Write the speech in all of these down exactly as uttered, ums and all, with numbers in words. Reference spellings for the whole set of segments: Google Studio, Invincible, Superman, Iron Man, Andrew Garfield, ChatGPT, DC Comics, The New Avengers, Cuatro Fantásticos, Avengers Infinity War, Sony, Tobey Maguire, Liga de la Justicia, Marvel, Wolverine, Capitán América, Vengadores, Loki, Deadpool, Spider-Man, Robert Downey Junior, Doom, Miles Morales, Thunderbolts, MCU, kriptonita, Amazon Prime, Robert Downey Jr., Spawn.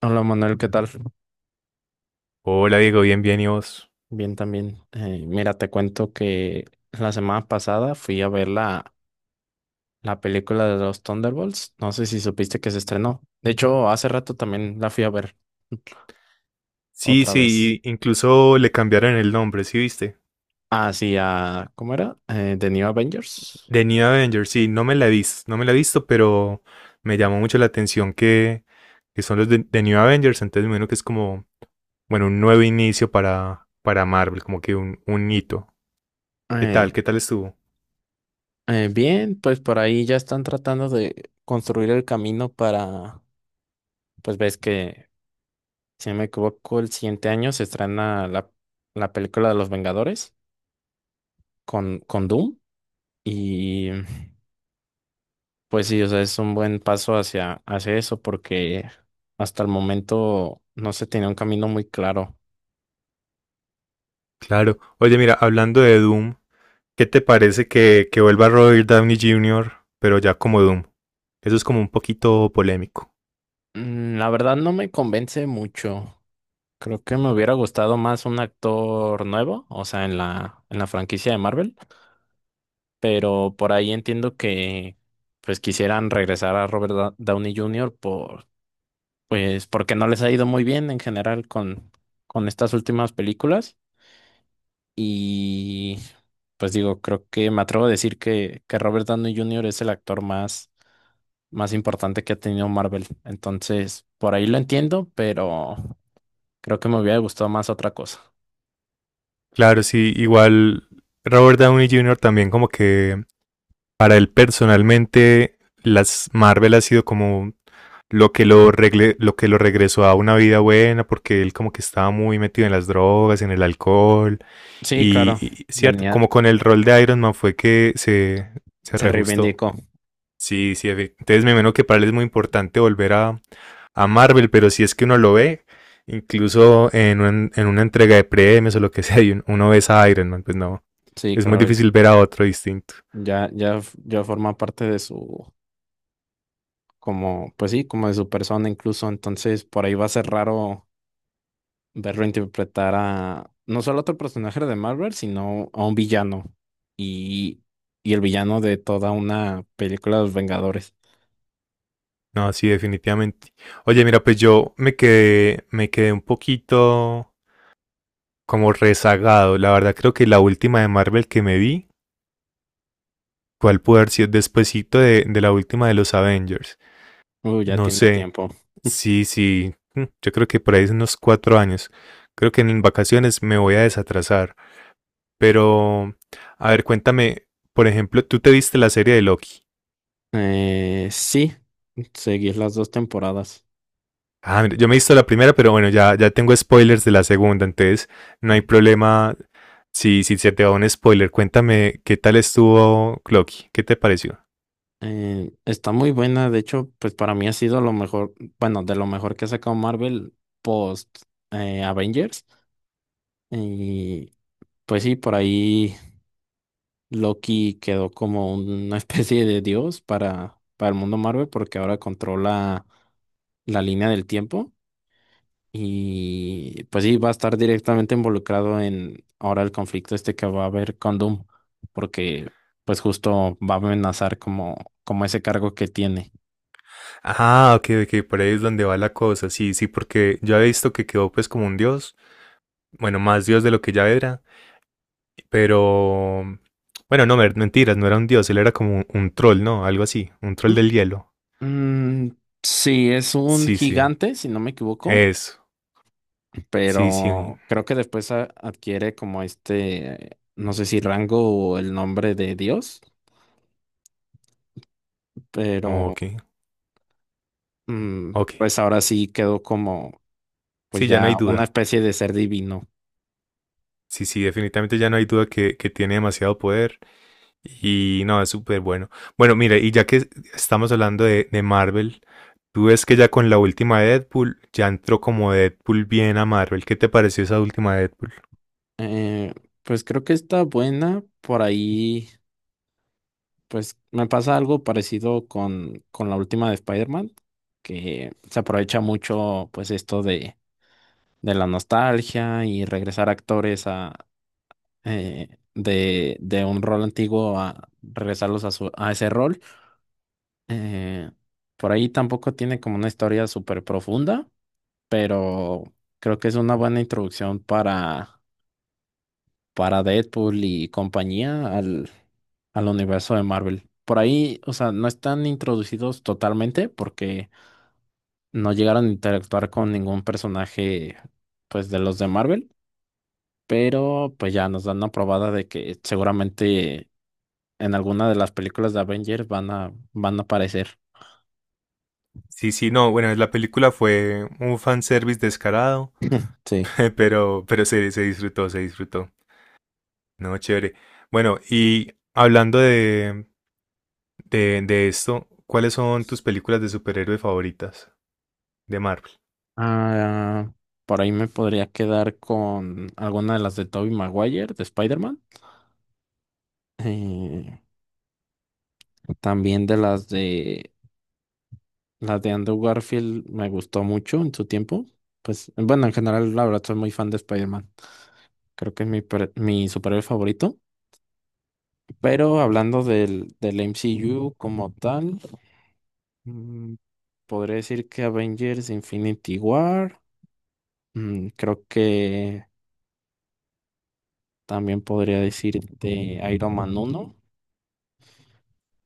Hola Manuel, ¿qué tal? Hola Diego, bien, bien, ¿y vos? Bien también. Eh, mira, te cuento que la semana pasada fui a ver la, la película de los Thunderbolts. No sé si supiste que se estrenó. De hecho, hace rato también la fui a ver Sí, otra vez. sí, y incluso le cambiaron el nombre, ¿sí viste? Ah, sí, a, ¿cómo era? Eh, The New Avengers. The New Avengers, sí, no me la he visto, no me la he visto, pero me llamó mucho la atención que, que son los de, The New Avengers, entonces bueno que es como, bueno, un nuevo inicio para, para Marvel, como que un, un hito. ¿Qué Eh, tal? ¿Qué tal estuvo? Eh, bien, pues por ahí ya están tratando de construir el camino para, pues ves que, si no me equivoco, el siguiente año se estrena la, la película de los Vengadores con, con Doom. Y pues sí, o sea, es un buen paso hacia, hacia eso porque hasta el momento no se tenía un camino muy claro. Claro. Oye, mira, hablando de Doom, ¿qué te parece que, que vuelva Robert Downey Junior, pero ya como Doom? Eso es como un poquito polémico. Mm, La verdad no me convence mucho. Creo que me hubiera gustado más un actor nuevo, o sea, en la, en la franquicia de Marvel, pero por ahí entiendo que pues quisieran regresar a Robert Da- Downey júnior por, pues porque no les ha ido muy bien en general con, con estas últimas películas. Y pues digo, creo que me atrevo a decir que, que Robert Downey júnior es el actor más, más importante que ha tenido Marvel. Entonces, por ahí lo entiendo, pero creo que me hubiera gustado más otra cosa. Claro, sí, igual Robert Downey júnior también como que para él personalmente las Marvel ha sido como lo que lo, regle, lo que lo regresó a una vida buena porque él como que estaba muy metido en las drogas, en el alcohol Sí, y, claro, y cierto, venía, como con el rol de Iron Man fue que se, se se reajustó. reivindicó. Sí, sí, efe- entonces me imagino que para él es muy importante volver a, a Marvel, pero si es que uno lo ve, incluso en, un- en una entrega de premios o lo que sea, y un- uno ve a Iron Man, pues no, Sí, es muy claro, difícil ver a otro distinto. ya, ya, f- ya forma parte de su, como, pues sí, como de su persona incluso. Entonces, por ahí va a ser raro verlo interpretar a no solo a otro personaje de Marvel, sino a un villano y, y el villano de toda una película de los Vengadores. No, sí, definitivamente. Oye, mira, pues yo me quedé, me quedé un poquito como rezagado. La verdad creo que la última de Marvel que me vi, ¿cuál puede haber sido despuesito de, de la última de los Avengers? Uh, ya No tiene sé, tiempo. sí, sí, mm, yo creo que por ahí es unos cuatro años. Creo que en vacaciones me voy a desatrasar. Pero, a ver, cuéntame, por ejemplo, tú te viste la serie de Loki. Eh, sí, seguir las dos temporadas. Ah, mira, yo me he visto la primera, pero bueno, ya, ya tengo spoilers de la segunda, entonces no hay problema si, si se te va un spoiler. Cuéntame qué tal estuvo Loki, qué te pareció. Eh, está muy buena, de hecho, pues para mí ha sido lo mejor, bueno, de lo mejor que ha sacado Marvel post eh, Avengers. Y pues sí, por ahí. Loki quedó como una especie de dios para, para el mundo Marvel porque ahora controla la línea del tiempo y pues sí, va a estar directamente involucrado en ahora el conflicto este que va a haber con Doom porque pues justo va a amenazar como, como ese cargo que tiene. Ah, ok, ok, por ahí es donde va la cosa. Sí, sí, porque yo había visto que quedó pues como un dios, bueno, más dios de lo que ya era. Pero, bueno, no, mer- mentiras, no era un dios, él era como un, un troll, ¿no? Algo así, un troll del hielo. Mm, sí, es un Sí, sí, gigante, si no me equivoco, eso. Sí, sí, pero creo que después a- adquiere como este, no sé si rango o el nombre de Dios, pero ok, mm, ok. pues ahora sí quedó como pues Sí, ya no ya hay una duda. especie de ser divino. Sí, sí, definitivamente ya no hay duda que, que tiene demasiado poder y no, es súper bueno. Bueno, mire, y ya que estamos hablando de, de Marvel, tú ves que ya con la última de Deadpool, ya entró como Deadpool bien a Marvel. ¿Qué te pareció esa última de Deadpool? Eh, pues creo que está buena. Por ahí, pues me pasa algo parecido con, con la última de Spider-Man, que se aprovecha mucho pues esto de, de la nostalgia y regresar actores eh, de, de un rol antiguo a regresarlos a, su, a ese rol. Eh, por ahí tampoco tiene como una historia súper profunda, pero creo que es una buena introducción para, para Deadpool y compañía al, al universo de Marvel. Por ahí, o sea, no están introducidos totalmente porque no llegaron a interactuar con ningún personaje, pues, de los de Marvel, pero pues ya nos dan una probada de que seguramente en alguna de las películas de Avengers van a, van a aparecer. Sí, sí, no, bueno, la película fue un fanservice descarado. Sí. Pero, pero se, se disfrutó, se disfrutó. No, chévere. Bueno, y hablando de, de, de esto, ¿cuáles son tus películas de superhéroe favoritas de Marvel? Ah, por ahí me podría quedar con alguna de las de Tobey Maguire, de Spider-Man. Eh, También de las de las de Andrew Garfield me gustó mucho en su tiempo. Pues bueno, en general, la verdad, soy muy fan de Spider-Man. Creo que es mi, per- mi superhéroe favorito. Pero hablando del, del M C U como tal, mm, podría decir que Avengers Infinity War. Mm, creo que también podría decirte Iron Man uno.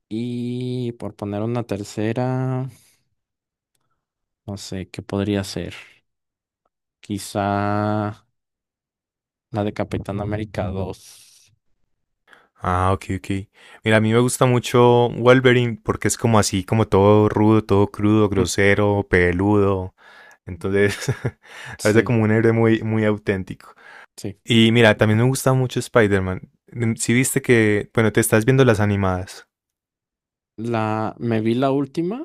Y por poner una tercera, no sé, ¿qué podría ser? Quizá la de Capitán América dos. Ah, ok, ok. Mira, a mí me gusta mucho Wolverine porque es como así, como todo rudo, todo crudo, Mm, grosero, peludo. Entonces, parece sí, como un héroe muy, muy auténtico. sí. Y mira, también me gusta mucho Spider-Man. Si viste que, bueno, te estás viendo las animadas. La, me vi la última,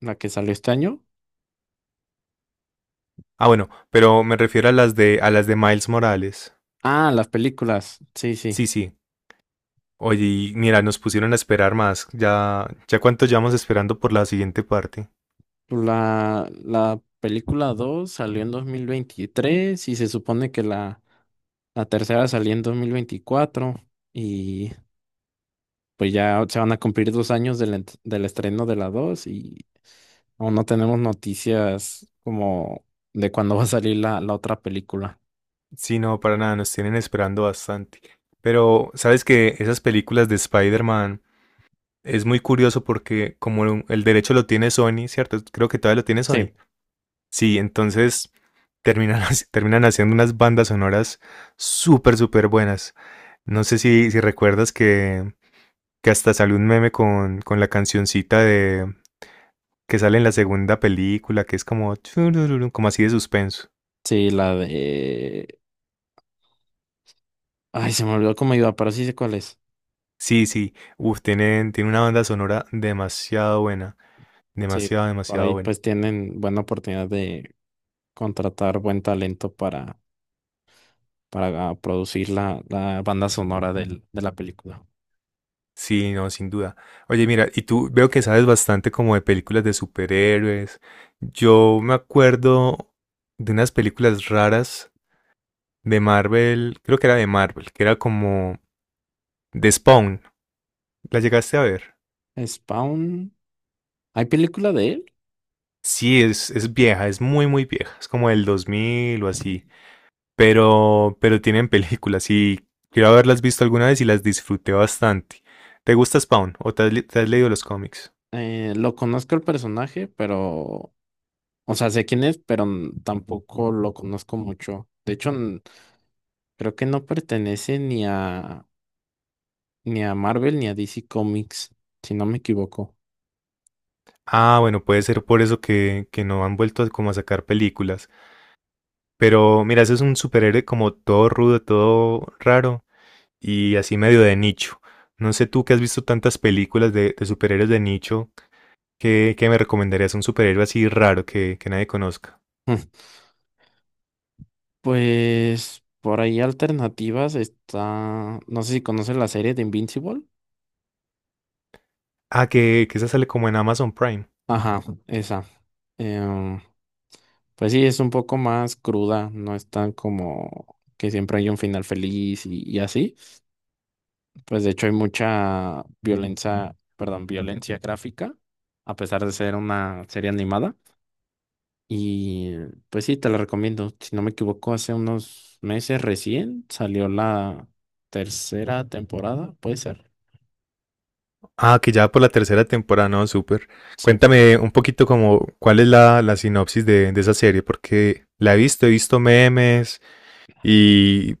la que salió este año. Ah, bueno, pero me refiero a las de a las de Miles Morales. Ah, las películas. Sí, sí. Sí, sí. Oye, y mira, nos pusieron a esperar más. Ya, ya cuánto llevamos esperando por la siguiente parte. La, la película dos salió en dos mil veintitrés y se supone que la, la tercera salió en dos mil veinticuatro. Y pues ya se van a cumplir dos años del, ent- del estreno de la dos y aún no tenemos noticias como de cuándo va a salir la, la otra película. Sí, no, para nada, nos tienen esperando bastante. Pero, ¿sabes que esas películas de Spider-Man es muy curioso porque como el derecho lo tiene Sony, ¿cierto? Creo que todavía lo tiene Sí, Sony. Sí, entonces terminan, haci- terminan haciendo unas bandas sonoras súper, súper buenas. No sé si, si recuerdas que que hasta sale un meme con, con la cancioncita de que sale en la segunda película, que es como, churururu, como así de suspenso. sí, la de... ay, se me olvidó cómo iba, pero sí sé cuál es. Sí, sí, uf, tienen, tiene una banda sonora demasiado buena, Sí, demasiado, por demasiado ahí buena. pues tienen buena oportunidad de contratar buen talento para, para producir la, la banda sonora del- de la película. Sí, no, sin duda. Oye, mira, y tú veo que sabes bastante como de películas de superhéroes. Yo me acuerdo de unas películas raras de Marvel, creo que era de Marvel, que era como de Spawn. ¿La llegaste a ver? Spawn, ¿hay película de él? Sí, es, es vieja, es muy, muy vieja. Es como del dos mil o así. Pero, pero tienen películas y quiero haberlas visto alguna vez y las disfruté bastante. ¿Te gusta Spawn o te has, le- te has leído los cómics? Eh, lo conozco el personaje, pero O sea, sé quién es, pero n- tampoco lo conozco mucho. De hecho, n- creo que no pertenece ni a ni a Marvel ni a D C Comics, si no me equivoco. Ah, bueno, puede ser por eso que, que no han vuelto a- como a sacar películas. Pero mira, ese es un superhéroe como todo rudo, todo raro y así medio de nicho. No sé tú que has visto tantas películas de, de superhéroes de nicho, ¿qué, qué me recomendarías un superhéroe así raro que, que nadie conozca? Pues por ahí alternativas está, no sé si conoces la serie de Invincible. Ah, que, que esa sale como en Amazon Prime. Ajá, esa. Em, Pues sí, es un poco más cruda, no es tan como que siempre hay un final feliz y, y así. Pues de hecho hay mucha violencia, perdón, violencia gráfica, a pesar de ser una serie animada. Y pues sí, te la recomiendo. Si no me equivoco, hace unos meses recién salió la tercera temporada, puede ser. Ah, que ya por la tercera temporada, no, súper. Sí, Cuéntame un poquito como cuál es la, la sinopsis de, de esa serie, porque la he visto, he visto memes y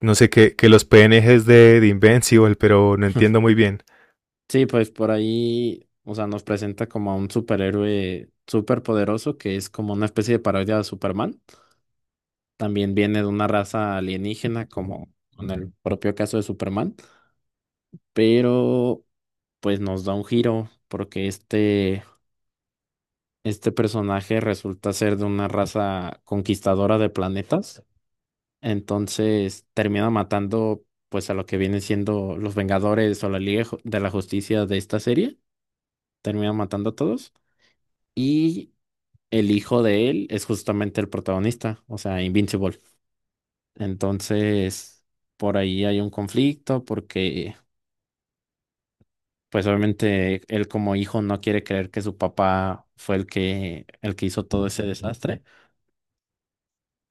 no sé, que, que los P N Gs de, de Invincible, pero no entiendo muy bien. sí, pues por ahí, o sea, nos presenta como a un superhéroe súper poderoso que es como una especie de parodia de Superman. También viene de una raza alienígena, como en el propio caso de Superman, pero pues nos da un giro porque este, este personaje resulta ser de una raza conquistadora de planetas, entonces termina matando pues a lo que vienen siendo los Vengadores o la Liga Ju- de la Justicia de esta serie, termina matando a todos y el hijo de él es justamente el protagonista, o sea, Invincible. Entonces, por ahí hay un conflicto porque, pues obviamente, él como hijo no quiere creer que su papá fue el que, el que hizo todo ese desastre.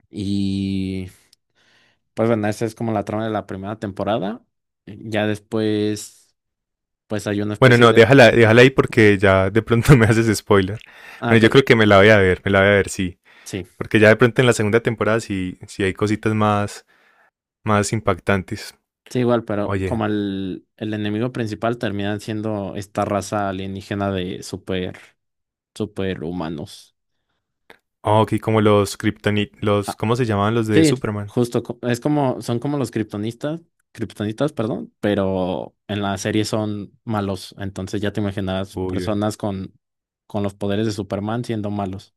Y, pues bueno, esa es como la trama de la primera temporada. Ya después, pues hay una Bueno, especie no, de. déjala, déjala ahí porque ya de pronto me haces spoiler. Ah, Bueno, ok, yo creo que me la voy a ver, me la voy a ver, sí. sí, Porque ya de pronto en la segunda temporada sí, sí hay cositas más, más impactantes. sí, igual, pero Oye, como el, el enemigo principal termina siendo esta raza alienígena de super, super humanos. ah, ok, como los Kryptonit, los, ¿cómo se llamaban los de Sí, Superman? justo, co- es como, son como los kriptonistas, kriptonitas, perdón, pero en la serie son malos, entonces ya te imaginarás Uy, uy. personas con, con los poderes de Superman siendo malos.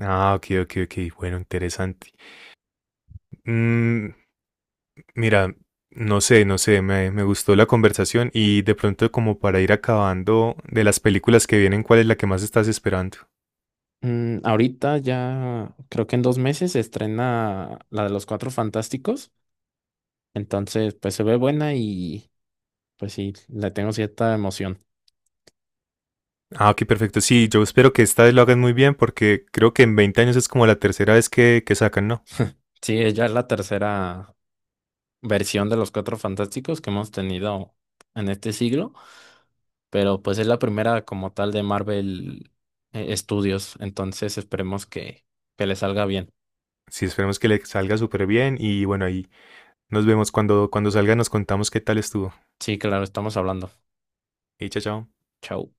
Ah, ok, ok, ok, bueno, interesante. Mm, mira, no sé, no sé, me, me gustó la conversación y de pronto como para ir acabando de las películas que vienen, ¿cuál es la que más estás esperando? Mm, ahorita ya, creo que en dos meses se estrena la de los Cuatro Fantásticos, entonces pues se ve buena y pues sí, le tengo cierta emoción. Ah, ok, perfecto. Sí, yo espero que esta vez lo hagan muy bien porque creo que en veinte años es como la tercera vez que, que sacan, ¿no? Sí, es ya es la tercera versión de los Cuatro Fantásticos que hemos tenido en este siglo. Pero pues es la primera como tal de Marvel eh, Studios, entonces esperemos que, que le salga bien. Sí, esperemos que le salga súper bien y bueno, ahí nos vemos cuando, cuando salga, nos contamos qué tal estuvo. Sí, claro, estamos hablando. Y chao, chao. Chau.